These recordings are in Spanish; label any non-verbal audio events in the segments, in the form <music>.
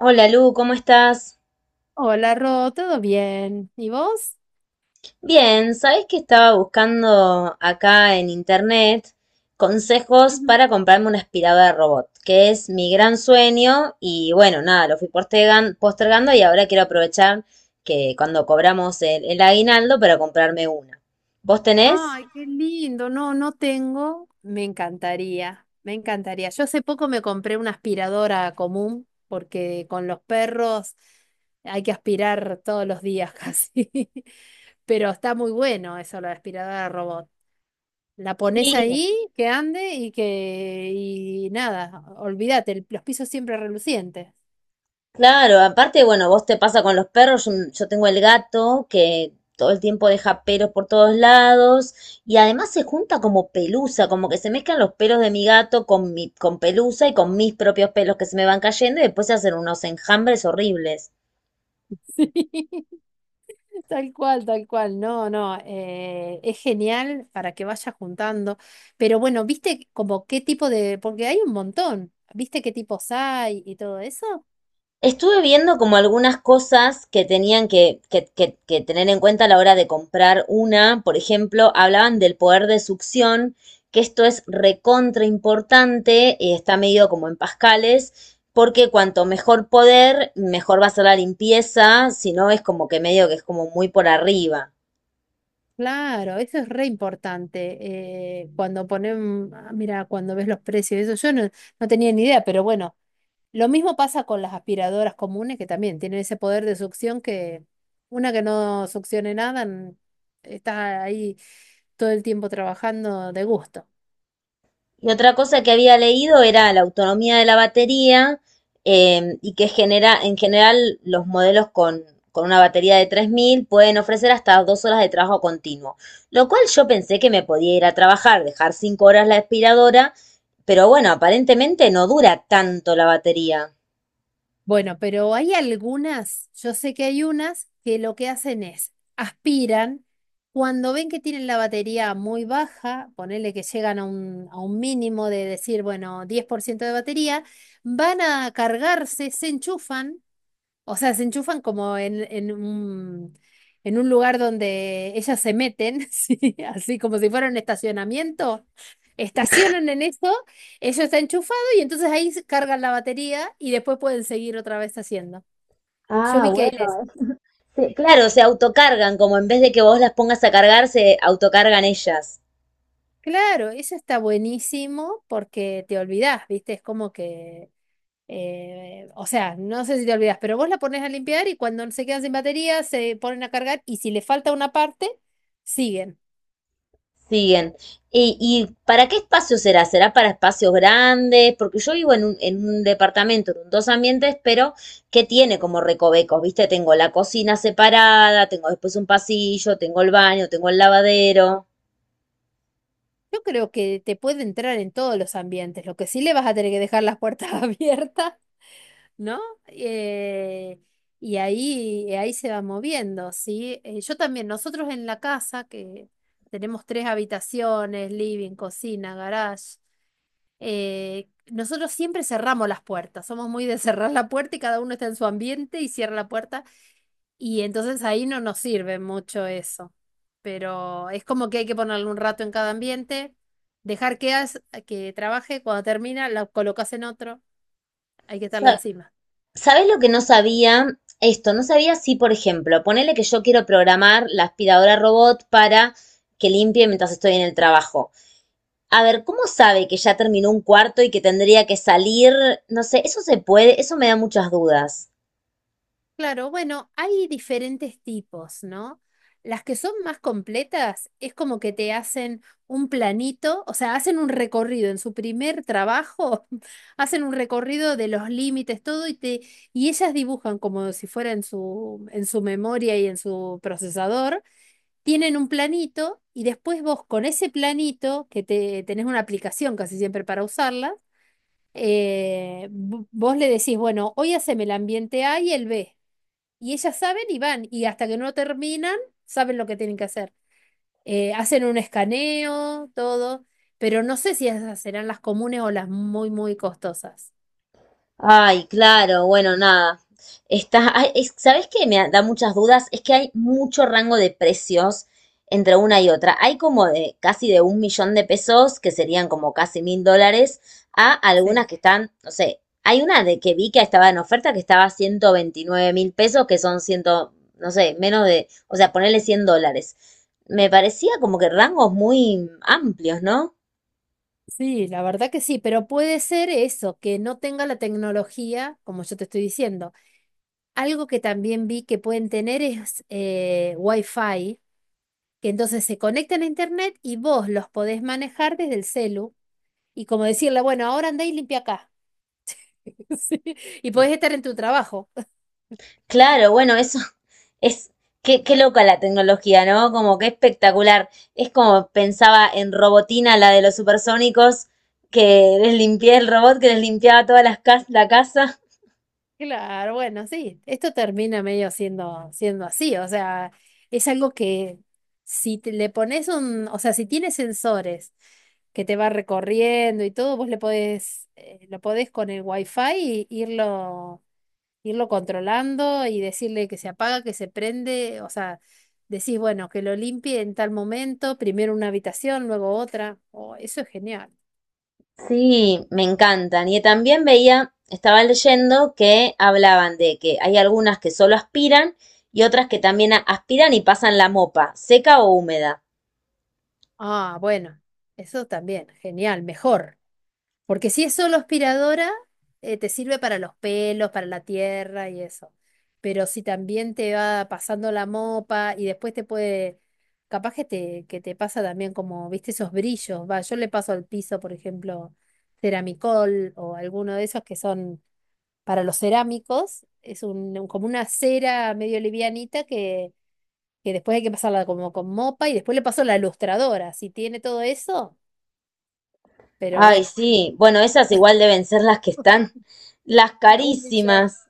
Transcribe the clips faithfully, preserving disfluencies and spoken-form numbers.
Hola Lu, ¿cómo estás? Hola, Ro, ¿todo bien? ¿Y vos? Bien, ¿sabés que estaba buscando acá en internet consejos Ujú. para comprarme una aspiradora de robot, que es mi gran sueño y bueno, nada, lo fui postergan- postergando y ahora quiero aprovechar que cuando cobramos el, el aguinaldo para comprarme una. ¿Vos tenés? Ay, qué lindo. No, no tengo. Me encantaría, me encantaría. Yo hace poco me compré una aspiradora común porque con los perros hay que aspirar todos los días casi. <laughs> Pero está muy bueno eso, la aspiradora robot. La pones Sí, ahí, que ande y que... Y nada, olvídate, el- los pisos siempre relucientes. claro, aparte, bueno, vos te pasa con los perros, yo, yo tengo el gato que todo el tiempo deja pelos por todos lados y además se junta como pelusa, como que se mezclan los pelos de mi gato con mi, con pelusa y con mis propios pelos que se me van cayendo y después se hacen unos enjambres horribles. <laughs> Sí. Tal cual, tal cual. No, no, eh, es genial para que vayas juntando. Pero bueno, ¿viste como qué tipo de...? Porque hay un montón. ¿Viste qué tipos hay y todo eso? Estuve viendo como algunas cosas que tenían que, que- que- que tener en cuenta a la hora de comprar una. Por ejemplo, hablaban del poder de succión, que esto es recontra importante, eh, está medido como en pascales, porque cuanto mejor poder, mejor va a ser la limpieza, si no es como que medio que es como muy por arriba. Claro, eso es re importante. Eh, cuando ponen... Ah, mira, cuando ves los precios, eso yo no, no tenía ni idea, pero bueno, lo mismo pasa con las aspiradoras comunes que también tienen ese poder de succión que una que no succione nada n- está ahí todo el tiempo trabajando de gusto. Y otra cosa que había leído era la autonomía de la batería eh, y que genera, en general los modelos con, con una batería de tres mil pueden ofrecer hasta dos horas de trabajo continuo, lo cual yo pensé que me podía ir a trabajar, dejar cinco horas la aspiradora, pero bueno, aparentemente no dura tanto la batería. Bueno, pero hay algunas, yo sé que hay unas que lo que hacen es aspiran, cuando ven que tienen la batería muy baja, ponele que llegan a un, a un mínimo de decir, bueno, diez por ciento de batería, van a cargarse, se enchufan, o sea, se enchufan como en, en un, en un lugar donde ellas se meten, <laughs> ¿sí? Así como si fuera un estacionamiento. Estacionan en eso, ellos está enchufado y entonces ahí se cargan la batería y después pueden seguir otra vez haciendo. Yo Ah, vi que hay de eso. bueno. Sí, claro, se autocargan, como en vez de que vos las pongas a cargar, se autocargan ellas. Claro, eso está buenísimo porque te olvidás, ¿viste? Es como que, eh, o sea, no sé si te olvidás, pero vos la pones a limpiar y cuando se quedan sin batería se ponen a cargar y si le falta una parte, siguen. Siguen. ¿Y, y para qué espacio será? ¿Será para espacios grandes? Porque yo vivo en un, en un departamento, en dos ambientes, pero que tiene como recovecos, ¿viste? Tengo la cocina separada, tengo después un pasillo, tengo el baño, tengo el lavadero. Yo creo que te puede entrar en todos los ambientes, lo que sí le vas a tener que dejar las puertas <laughs> abiertas, ¿no? Eh, y ahí, ahí se va moviendo, ¿sí? Eh, yo también, nosotros en la casa, que tenemos tres habitaciones, living, cocina, garage, eh, nosotros siempre cerramos las puertas, somos muy de cerrar la puerta y cada uno está en su ambiente y cierra la puerta y entonces ahí no nos sirve mucho eso. Pero es como que hay que ponerle un rato en cada ambiente, dejar que, haz- que trabaje, cuando termina la colocas en otro, hay que estarle Sa- encima. ¿Sabés lo que no sabía? Esto, no sabía si, por ejemplo, ponele que yo quiero programar la aspiradora robot para que limpie mientras estoy en el trabajo. A ver, ¿cómo sabe que ya terminó un cuarto y que tendría que salir? No sé, eso se puede, eso me da muchas dudas. Claro, bueno, hay diferentes tipos, ¿no? Las que son más completas es como que te hacen un planito, o sea, hacen un recorrido en su primer trabajo, <laughs> hacen un recorrido de los límites, todo, y te, y ellas dibujan como si fuera en su, en su memoria y en su procesador tienen un planito y después vos con ese planito, que te, tenés una aplicación casi siempre para usarla, eh, vo- vos le decís, bueno, hoy haceme el ambiente A y el B. Y ellas saben y van, y hasta que no terminan, saben lo que tienen que hacer. Eh, hacen un escaneo, todo, pero no sé si esas serán las comunes o las muy, muy costosas. Ay, claro, bueno, nada. Está, ay, es- ¿sabés qué me da muchas dudas? Es que hay mucho rango de precios entre una y otra. Hay como de casi de un millón de pesos, que serían como casi mil dólares, a Sí. algunas que están, no sé, hay una de que vi que estaba en oferta que estaba a ciento veintinueve mil pesos, que son ciento, no sé, menos de, o sea, ponerle cien dólares. Me parecía como que rangos muy amplios, ¿no? Sí, la verdad que sí, pero puede ser eso, que no tenga la tecnología, como yo te estoy diciendo. Algo que también vi que pueden tener es eh, Wi-Fi, que entonces se conectan a internet y vos los podés manejar desde el celu y como decirle, bueno, ahora andá y limpia acá. <laughs> Sí, y podés estar en tu trabajo. <laughs> Claro, bueno, eso <laughs> es, qué, qué loca la tecnología, ¿no? Como que espectacular. Es como pensaba en Robotina, la de los Supersónicos, que les limpié el robot, que les limpiaba todas las cas- la casa. Claro, bueno, sí, esto termina medio siendo, siendo así, o sea, es algo que si te- le pones un, o sea, si tienes sensores que te va recorriendo y todo, vos le podés, eh, lo podés con el Wi-Fi y irlo irlo controlando y decirle que se apaga, que se prende, o sea, decís, bueno, que lo limpie en tal momento, primero una habitación, luego otra. Oh, eso es genial. Sí, me encantan. Y también veía, estaba leyendo que hablaban de que hay algunas que solo aspiran y otras que también a- aspiran y pasan la mopa, seca o húmeda. Ah, bueno, eso también, genial, mejor. Porque si es solo aspiradora, eh, te sirve para los pelos, para la tierra y eso. Pero si también te va pasando la mopa y después te puede, capaz que te, que te pasa también como, viste, esos brillos. Va, yo le paso al piso, por ejemplo, ceramicol o alguno de esos que son para los cerámicos. Es un, un- como una cera medio livianita que, que después hay que pasarla como con mopa y después le paso la lustradora. Si tiene todo eso, pero Ay, bueno, sí, bueno, esas igual deben ser las que están, las <laughs> un millón. carísimas.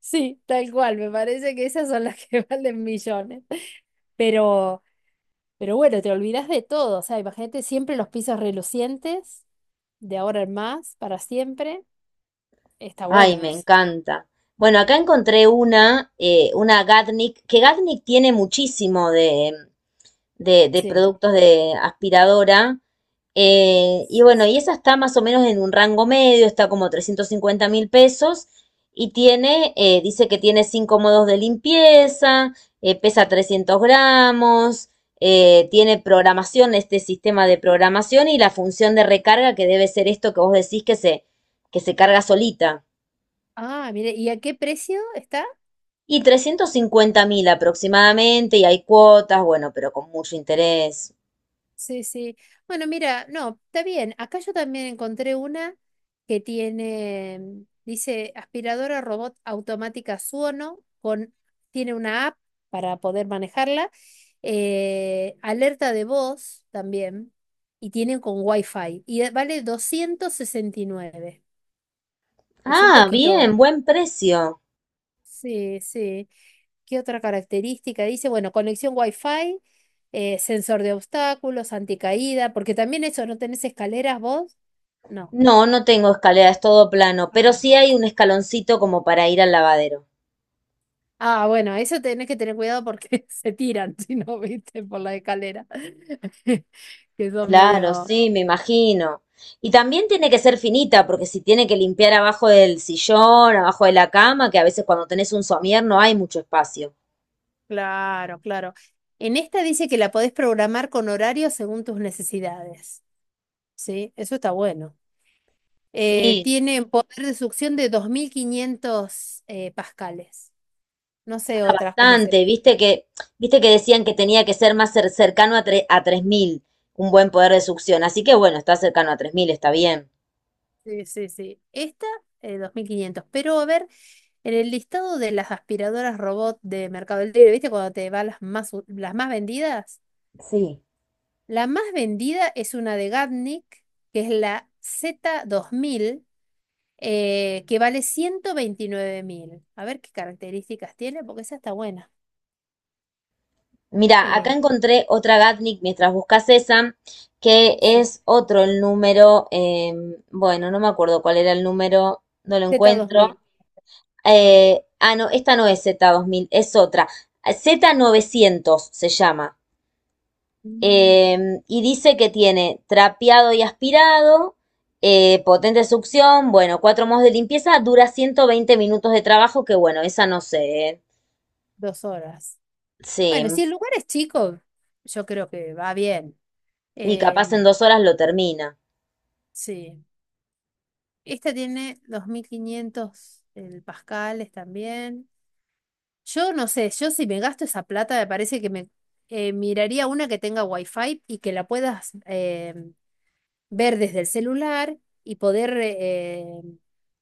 Sí, tal cual, me parece que esas son las que <laughs> valen millones. Pero, pero bueno, te olvidas de todo, o sea, imagínate siempre los pisos relucientes, de ahora en más, para siempre. Está Ay, bueno me eso. encanta. Bueno, acá encontré una, eh, una Gatnik, que Gatnik tiene muchísimo de, de- de Sí. productos de aspiradora. eh, y bueno, y esa está más o menos en un rango medio, está como trescientos cincuenta mil pesos. Y tiene, eh, dice que tiene cinco modos de limpieza, eh, pesa trescientos gramos, eh, tiene programación, este sistema de programación y la función de recarga que debe ser esto que vos decís que se, que se, carga solita. Ah, mire, ¿y a qué precio está? Y trescientos cincuenta mil aproximadamente, y hay cuotas, bueno, pero con mucho interés. Sí, sí. Bueno, mira, no, está bien. Acá yo también encontré una que tiene, mm, dice aspiradora robot automática Suono, con, tiene una app para poder manejarla, eh, alerta de voz también, y tiene con Wi-Fi, y eh, vale doscientos sesenta y nueve. Es un Ah, bien, poquito. buen precio. Sí, sí. ¿Qué otra característica? Dice, bueno, conexión Wi-Fi, eh, sensor de obstáculos, anticaída, porque también eso, ¿no tenés escaleras vos? No. No, no tengo escalera, es todo plano, pero Ah. sí hay un escaloncito como para ir al lavadero. Ah, bueno, eso tenés que tener cuidado porque <laughs> se tiran, si no, viste, por la escalera. <laughs> Que son Claro, medio... sí, me imagino. Y también tiene que ser finita, porque si tiene que limpiar abajo del sillón, abajo de la cama, que a veces cuando tenés un somier no hay mucho espacio. Claro, claro. En esta dice que la podés programar con horario según tus necesidades. Sí, eso está bueno. Eh, Sí, Tiene poder de succión de dos mil quinientos eh, pascales. No sé otras cómo bastante, serán. viste que, viste que decían que tenía que ser más cer- cercano a, tre- a tres mil un buen poder de succión, así que bueno, está cercano a tres mil está bien. Sí, sí, sí. Esta, eh, dos mil quinientos. Pero a ver, en el listado de las aspiradoras robot de Mercado Libre, ¿viste? Cuando te va las más, u- las más vendidas. Sí. La más vendida es una de Gatnik, que es la Z dos mil, eh, que vale ciento veintinueve mil. A ver qué características tiene, porque esa está buena. Mira, acá Eh, encontré otra Gatnik mientras buscas esa, que sí. es otro el número, eh, bueno, no me acuerdo cuál era el número, no lo encuentro. Z dos mil. Ah, Eh, ah, no, esta no es z dos mil, es otra. Z novecientos se llama. mm, Eh, y dice que tiene trapeado y aspirado, eh, potente succión, bueno, cuatro modos de limpieza, dura ciento veinte minutos de trabajo, que bueno, esa no sé, ¿eh? dos horas. Sí, Bueno, si el lugar es chico, yo creo que va bien. y Eh, capaz en dos horas lo termina. sí. Esta tiene dos mil quinientos el pascales también. Yo no sé, yo si me gasto esa plata me parece que me eh, miraría una que tenga wifi y que la puedas eh, ver desde el celular y poder, eh,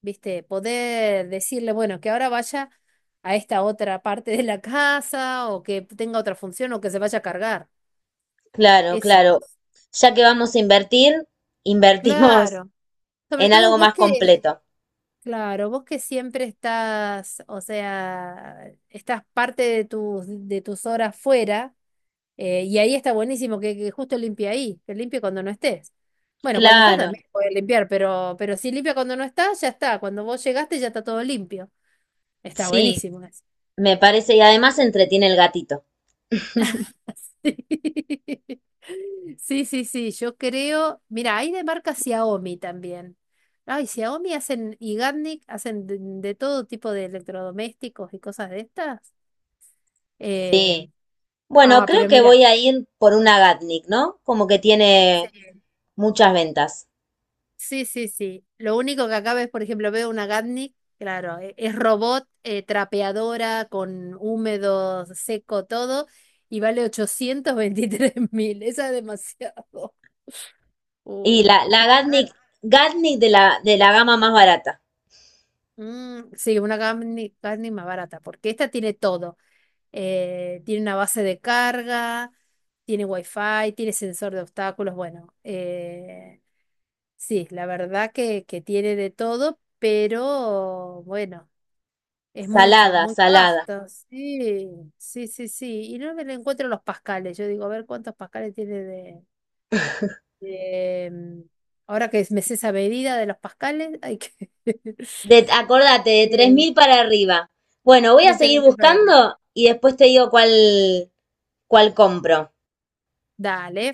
viste, poder decirle, bueno, que ahora vaya a esta otra parte de la casa o que tenga otra función o que se vaya a cargar. Claro, Eso. claro. Ya que vamos a invertir, invertimos Claro. <laughs> Sobre en todo algo vos más que... completo. Claro, vos que siempre estás, o sea, estás parte de tus, de tus horas fuera, eh, y ahí está buenísimo que, que justo limpie ahí, que limpie cuando no estés. Bueno, cuando estás Claro, también puedes limpiar, pero, pero si limpia cuando no estás, ya está. Cuando vos llegaste ya está todo limpio. Está sí, buenísimo eso. me parece, y además se entretiene el gatito. <laughs> Sí, sí, sí, sí, yo creo. Mira, hay de marca Xiaomi también. Ay, Xiaomi hacen, y Garnic hacen de de todo tipo de electrodomésticos y cosas de estas. Eh, Sí. Bueno, ah, creo pero que mira, voy a ir por una Gatnik, ¿no? Como que sí, tiene muchas ventas. sí, sí, sí. Lo único que acá ves, por ejemplo, veo una Gatnik, claro, e- es robot, eh, trapeadora, con húmedo, seco, todo, y vale ochocientos veintitrés mil. <laughs> Esa es demasiado. Y la, Uy, la qué cara. Gatnik, Gatnik de la, de la gama más barata. Mm, sí, una Gatnik, Gatnik más barata, porque esta tiene todo. Eh, tiene una base de carga, tiene wifi, tiene sensor de obstáculos, bueno. eh, Sí, la verdad que, que tiene de todo, pero bueno, es mucho, Salada, muy salada. casta. Sí, sí, sí, sí. Y no me le encuentro los pascales. Yo digo, a ver cuántos pascales tiene de, de, mm, ahora que me sé esa medida de los pascales, hay que <laughs> De, acordate, de tres eh, mil para arriba. Bueno, voy a seguir detenerme para arriba. buscando y después te digo cuál, cuál compro. Dale.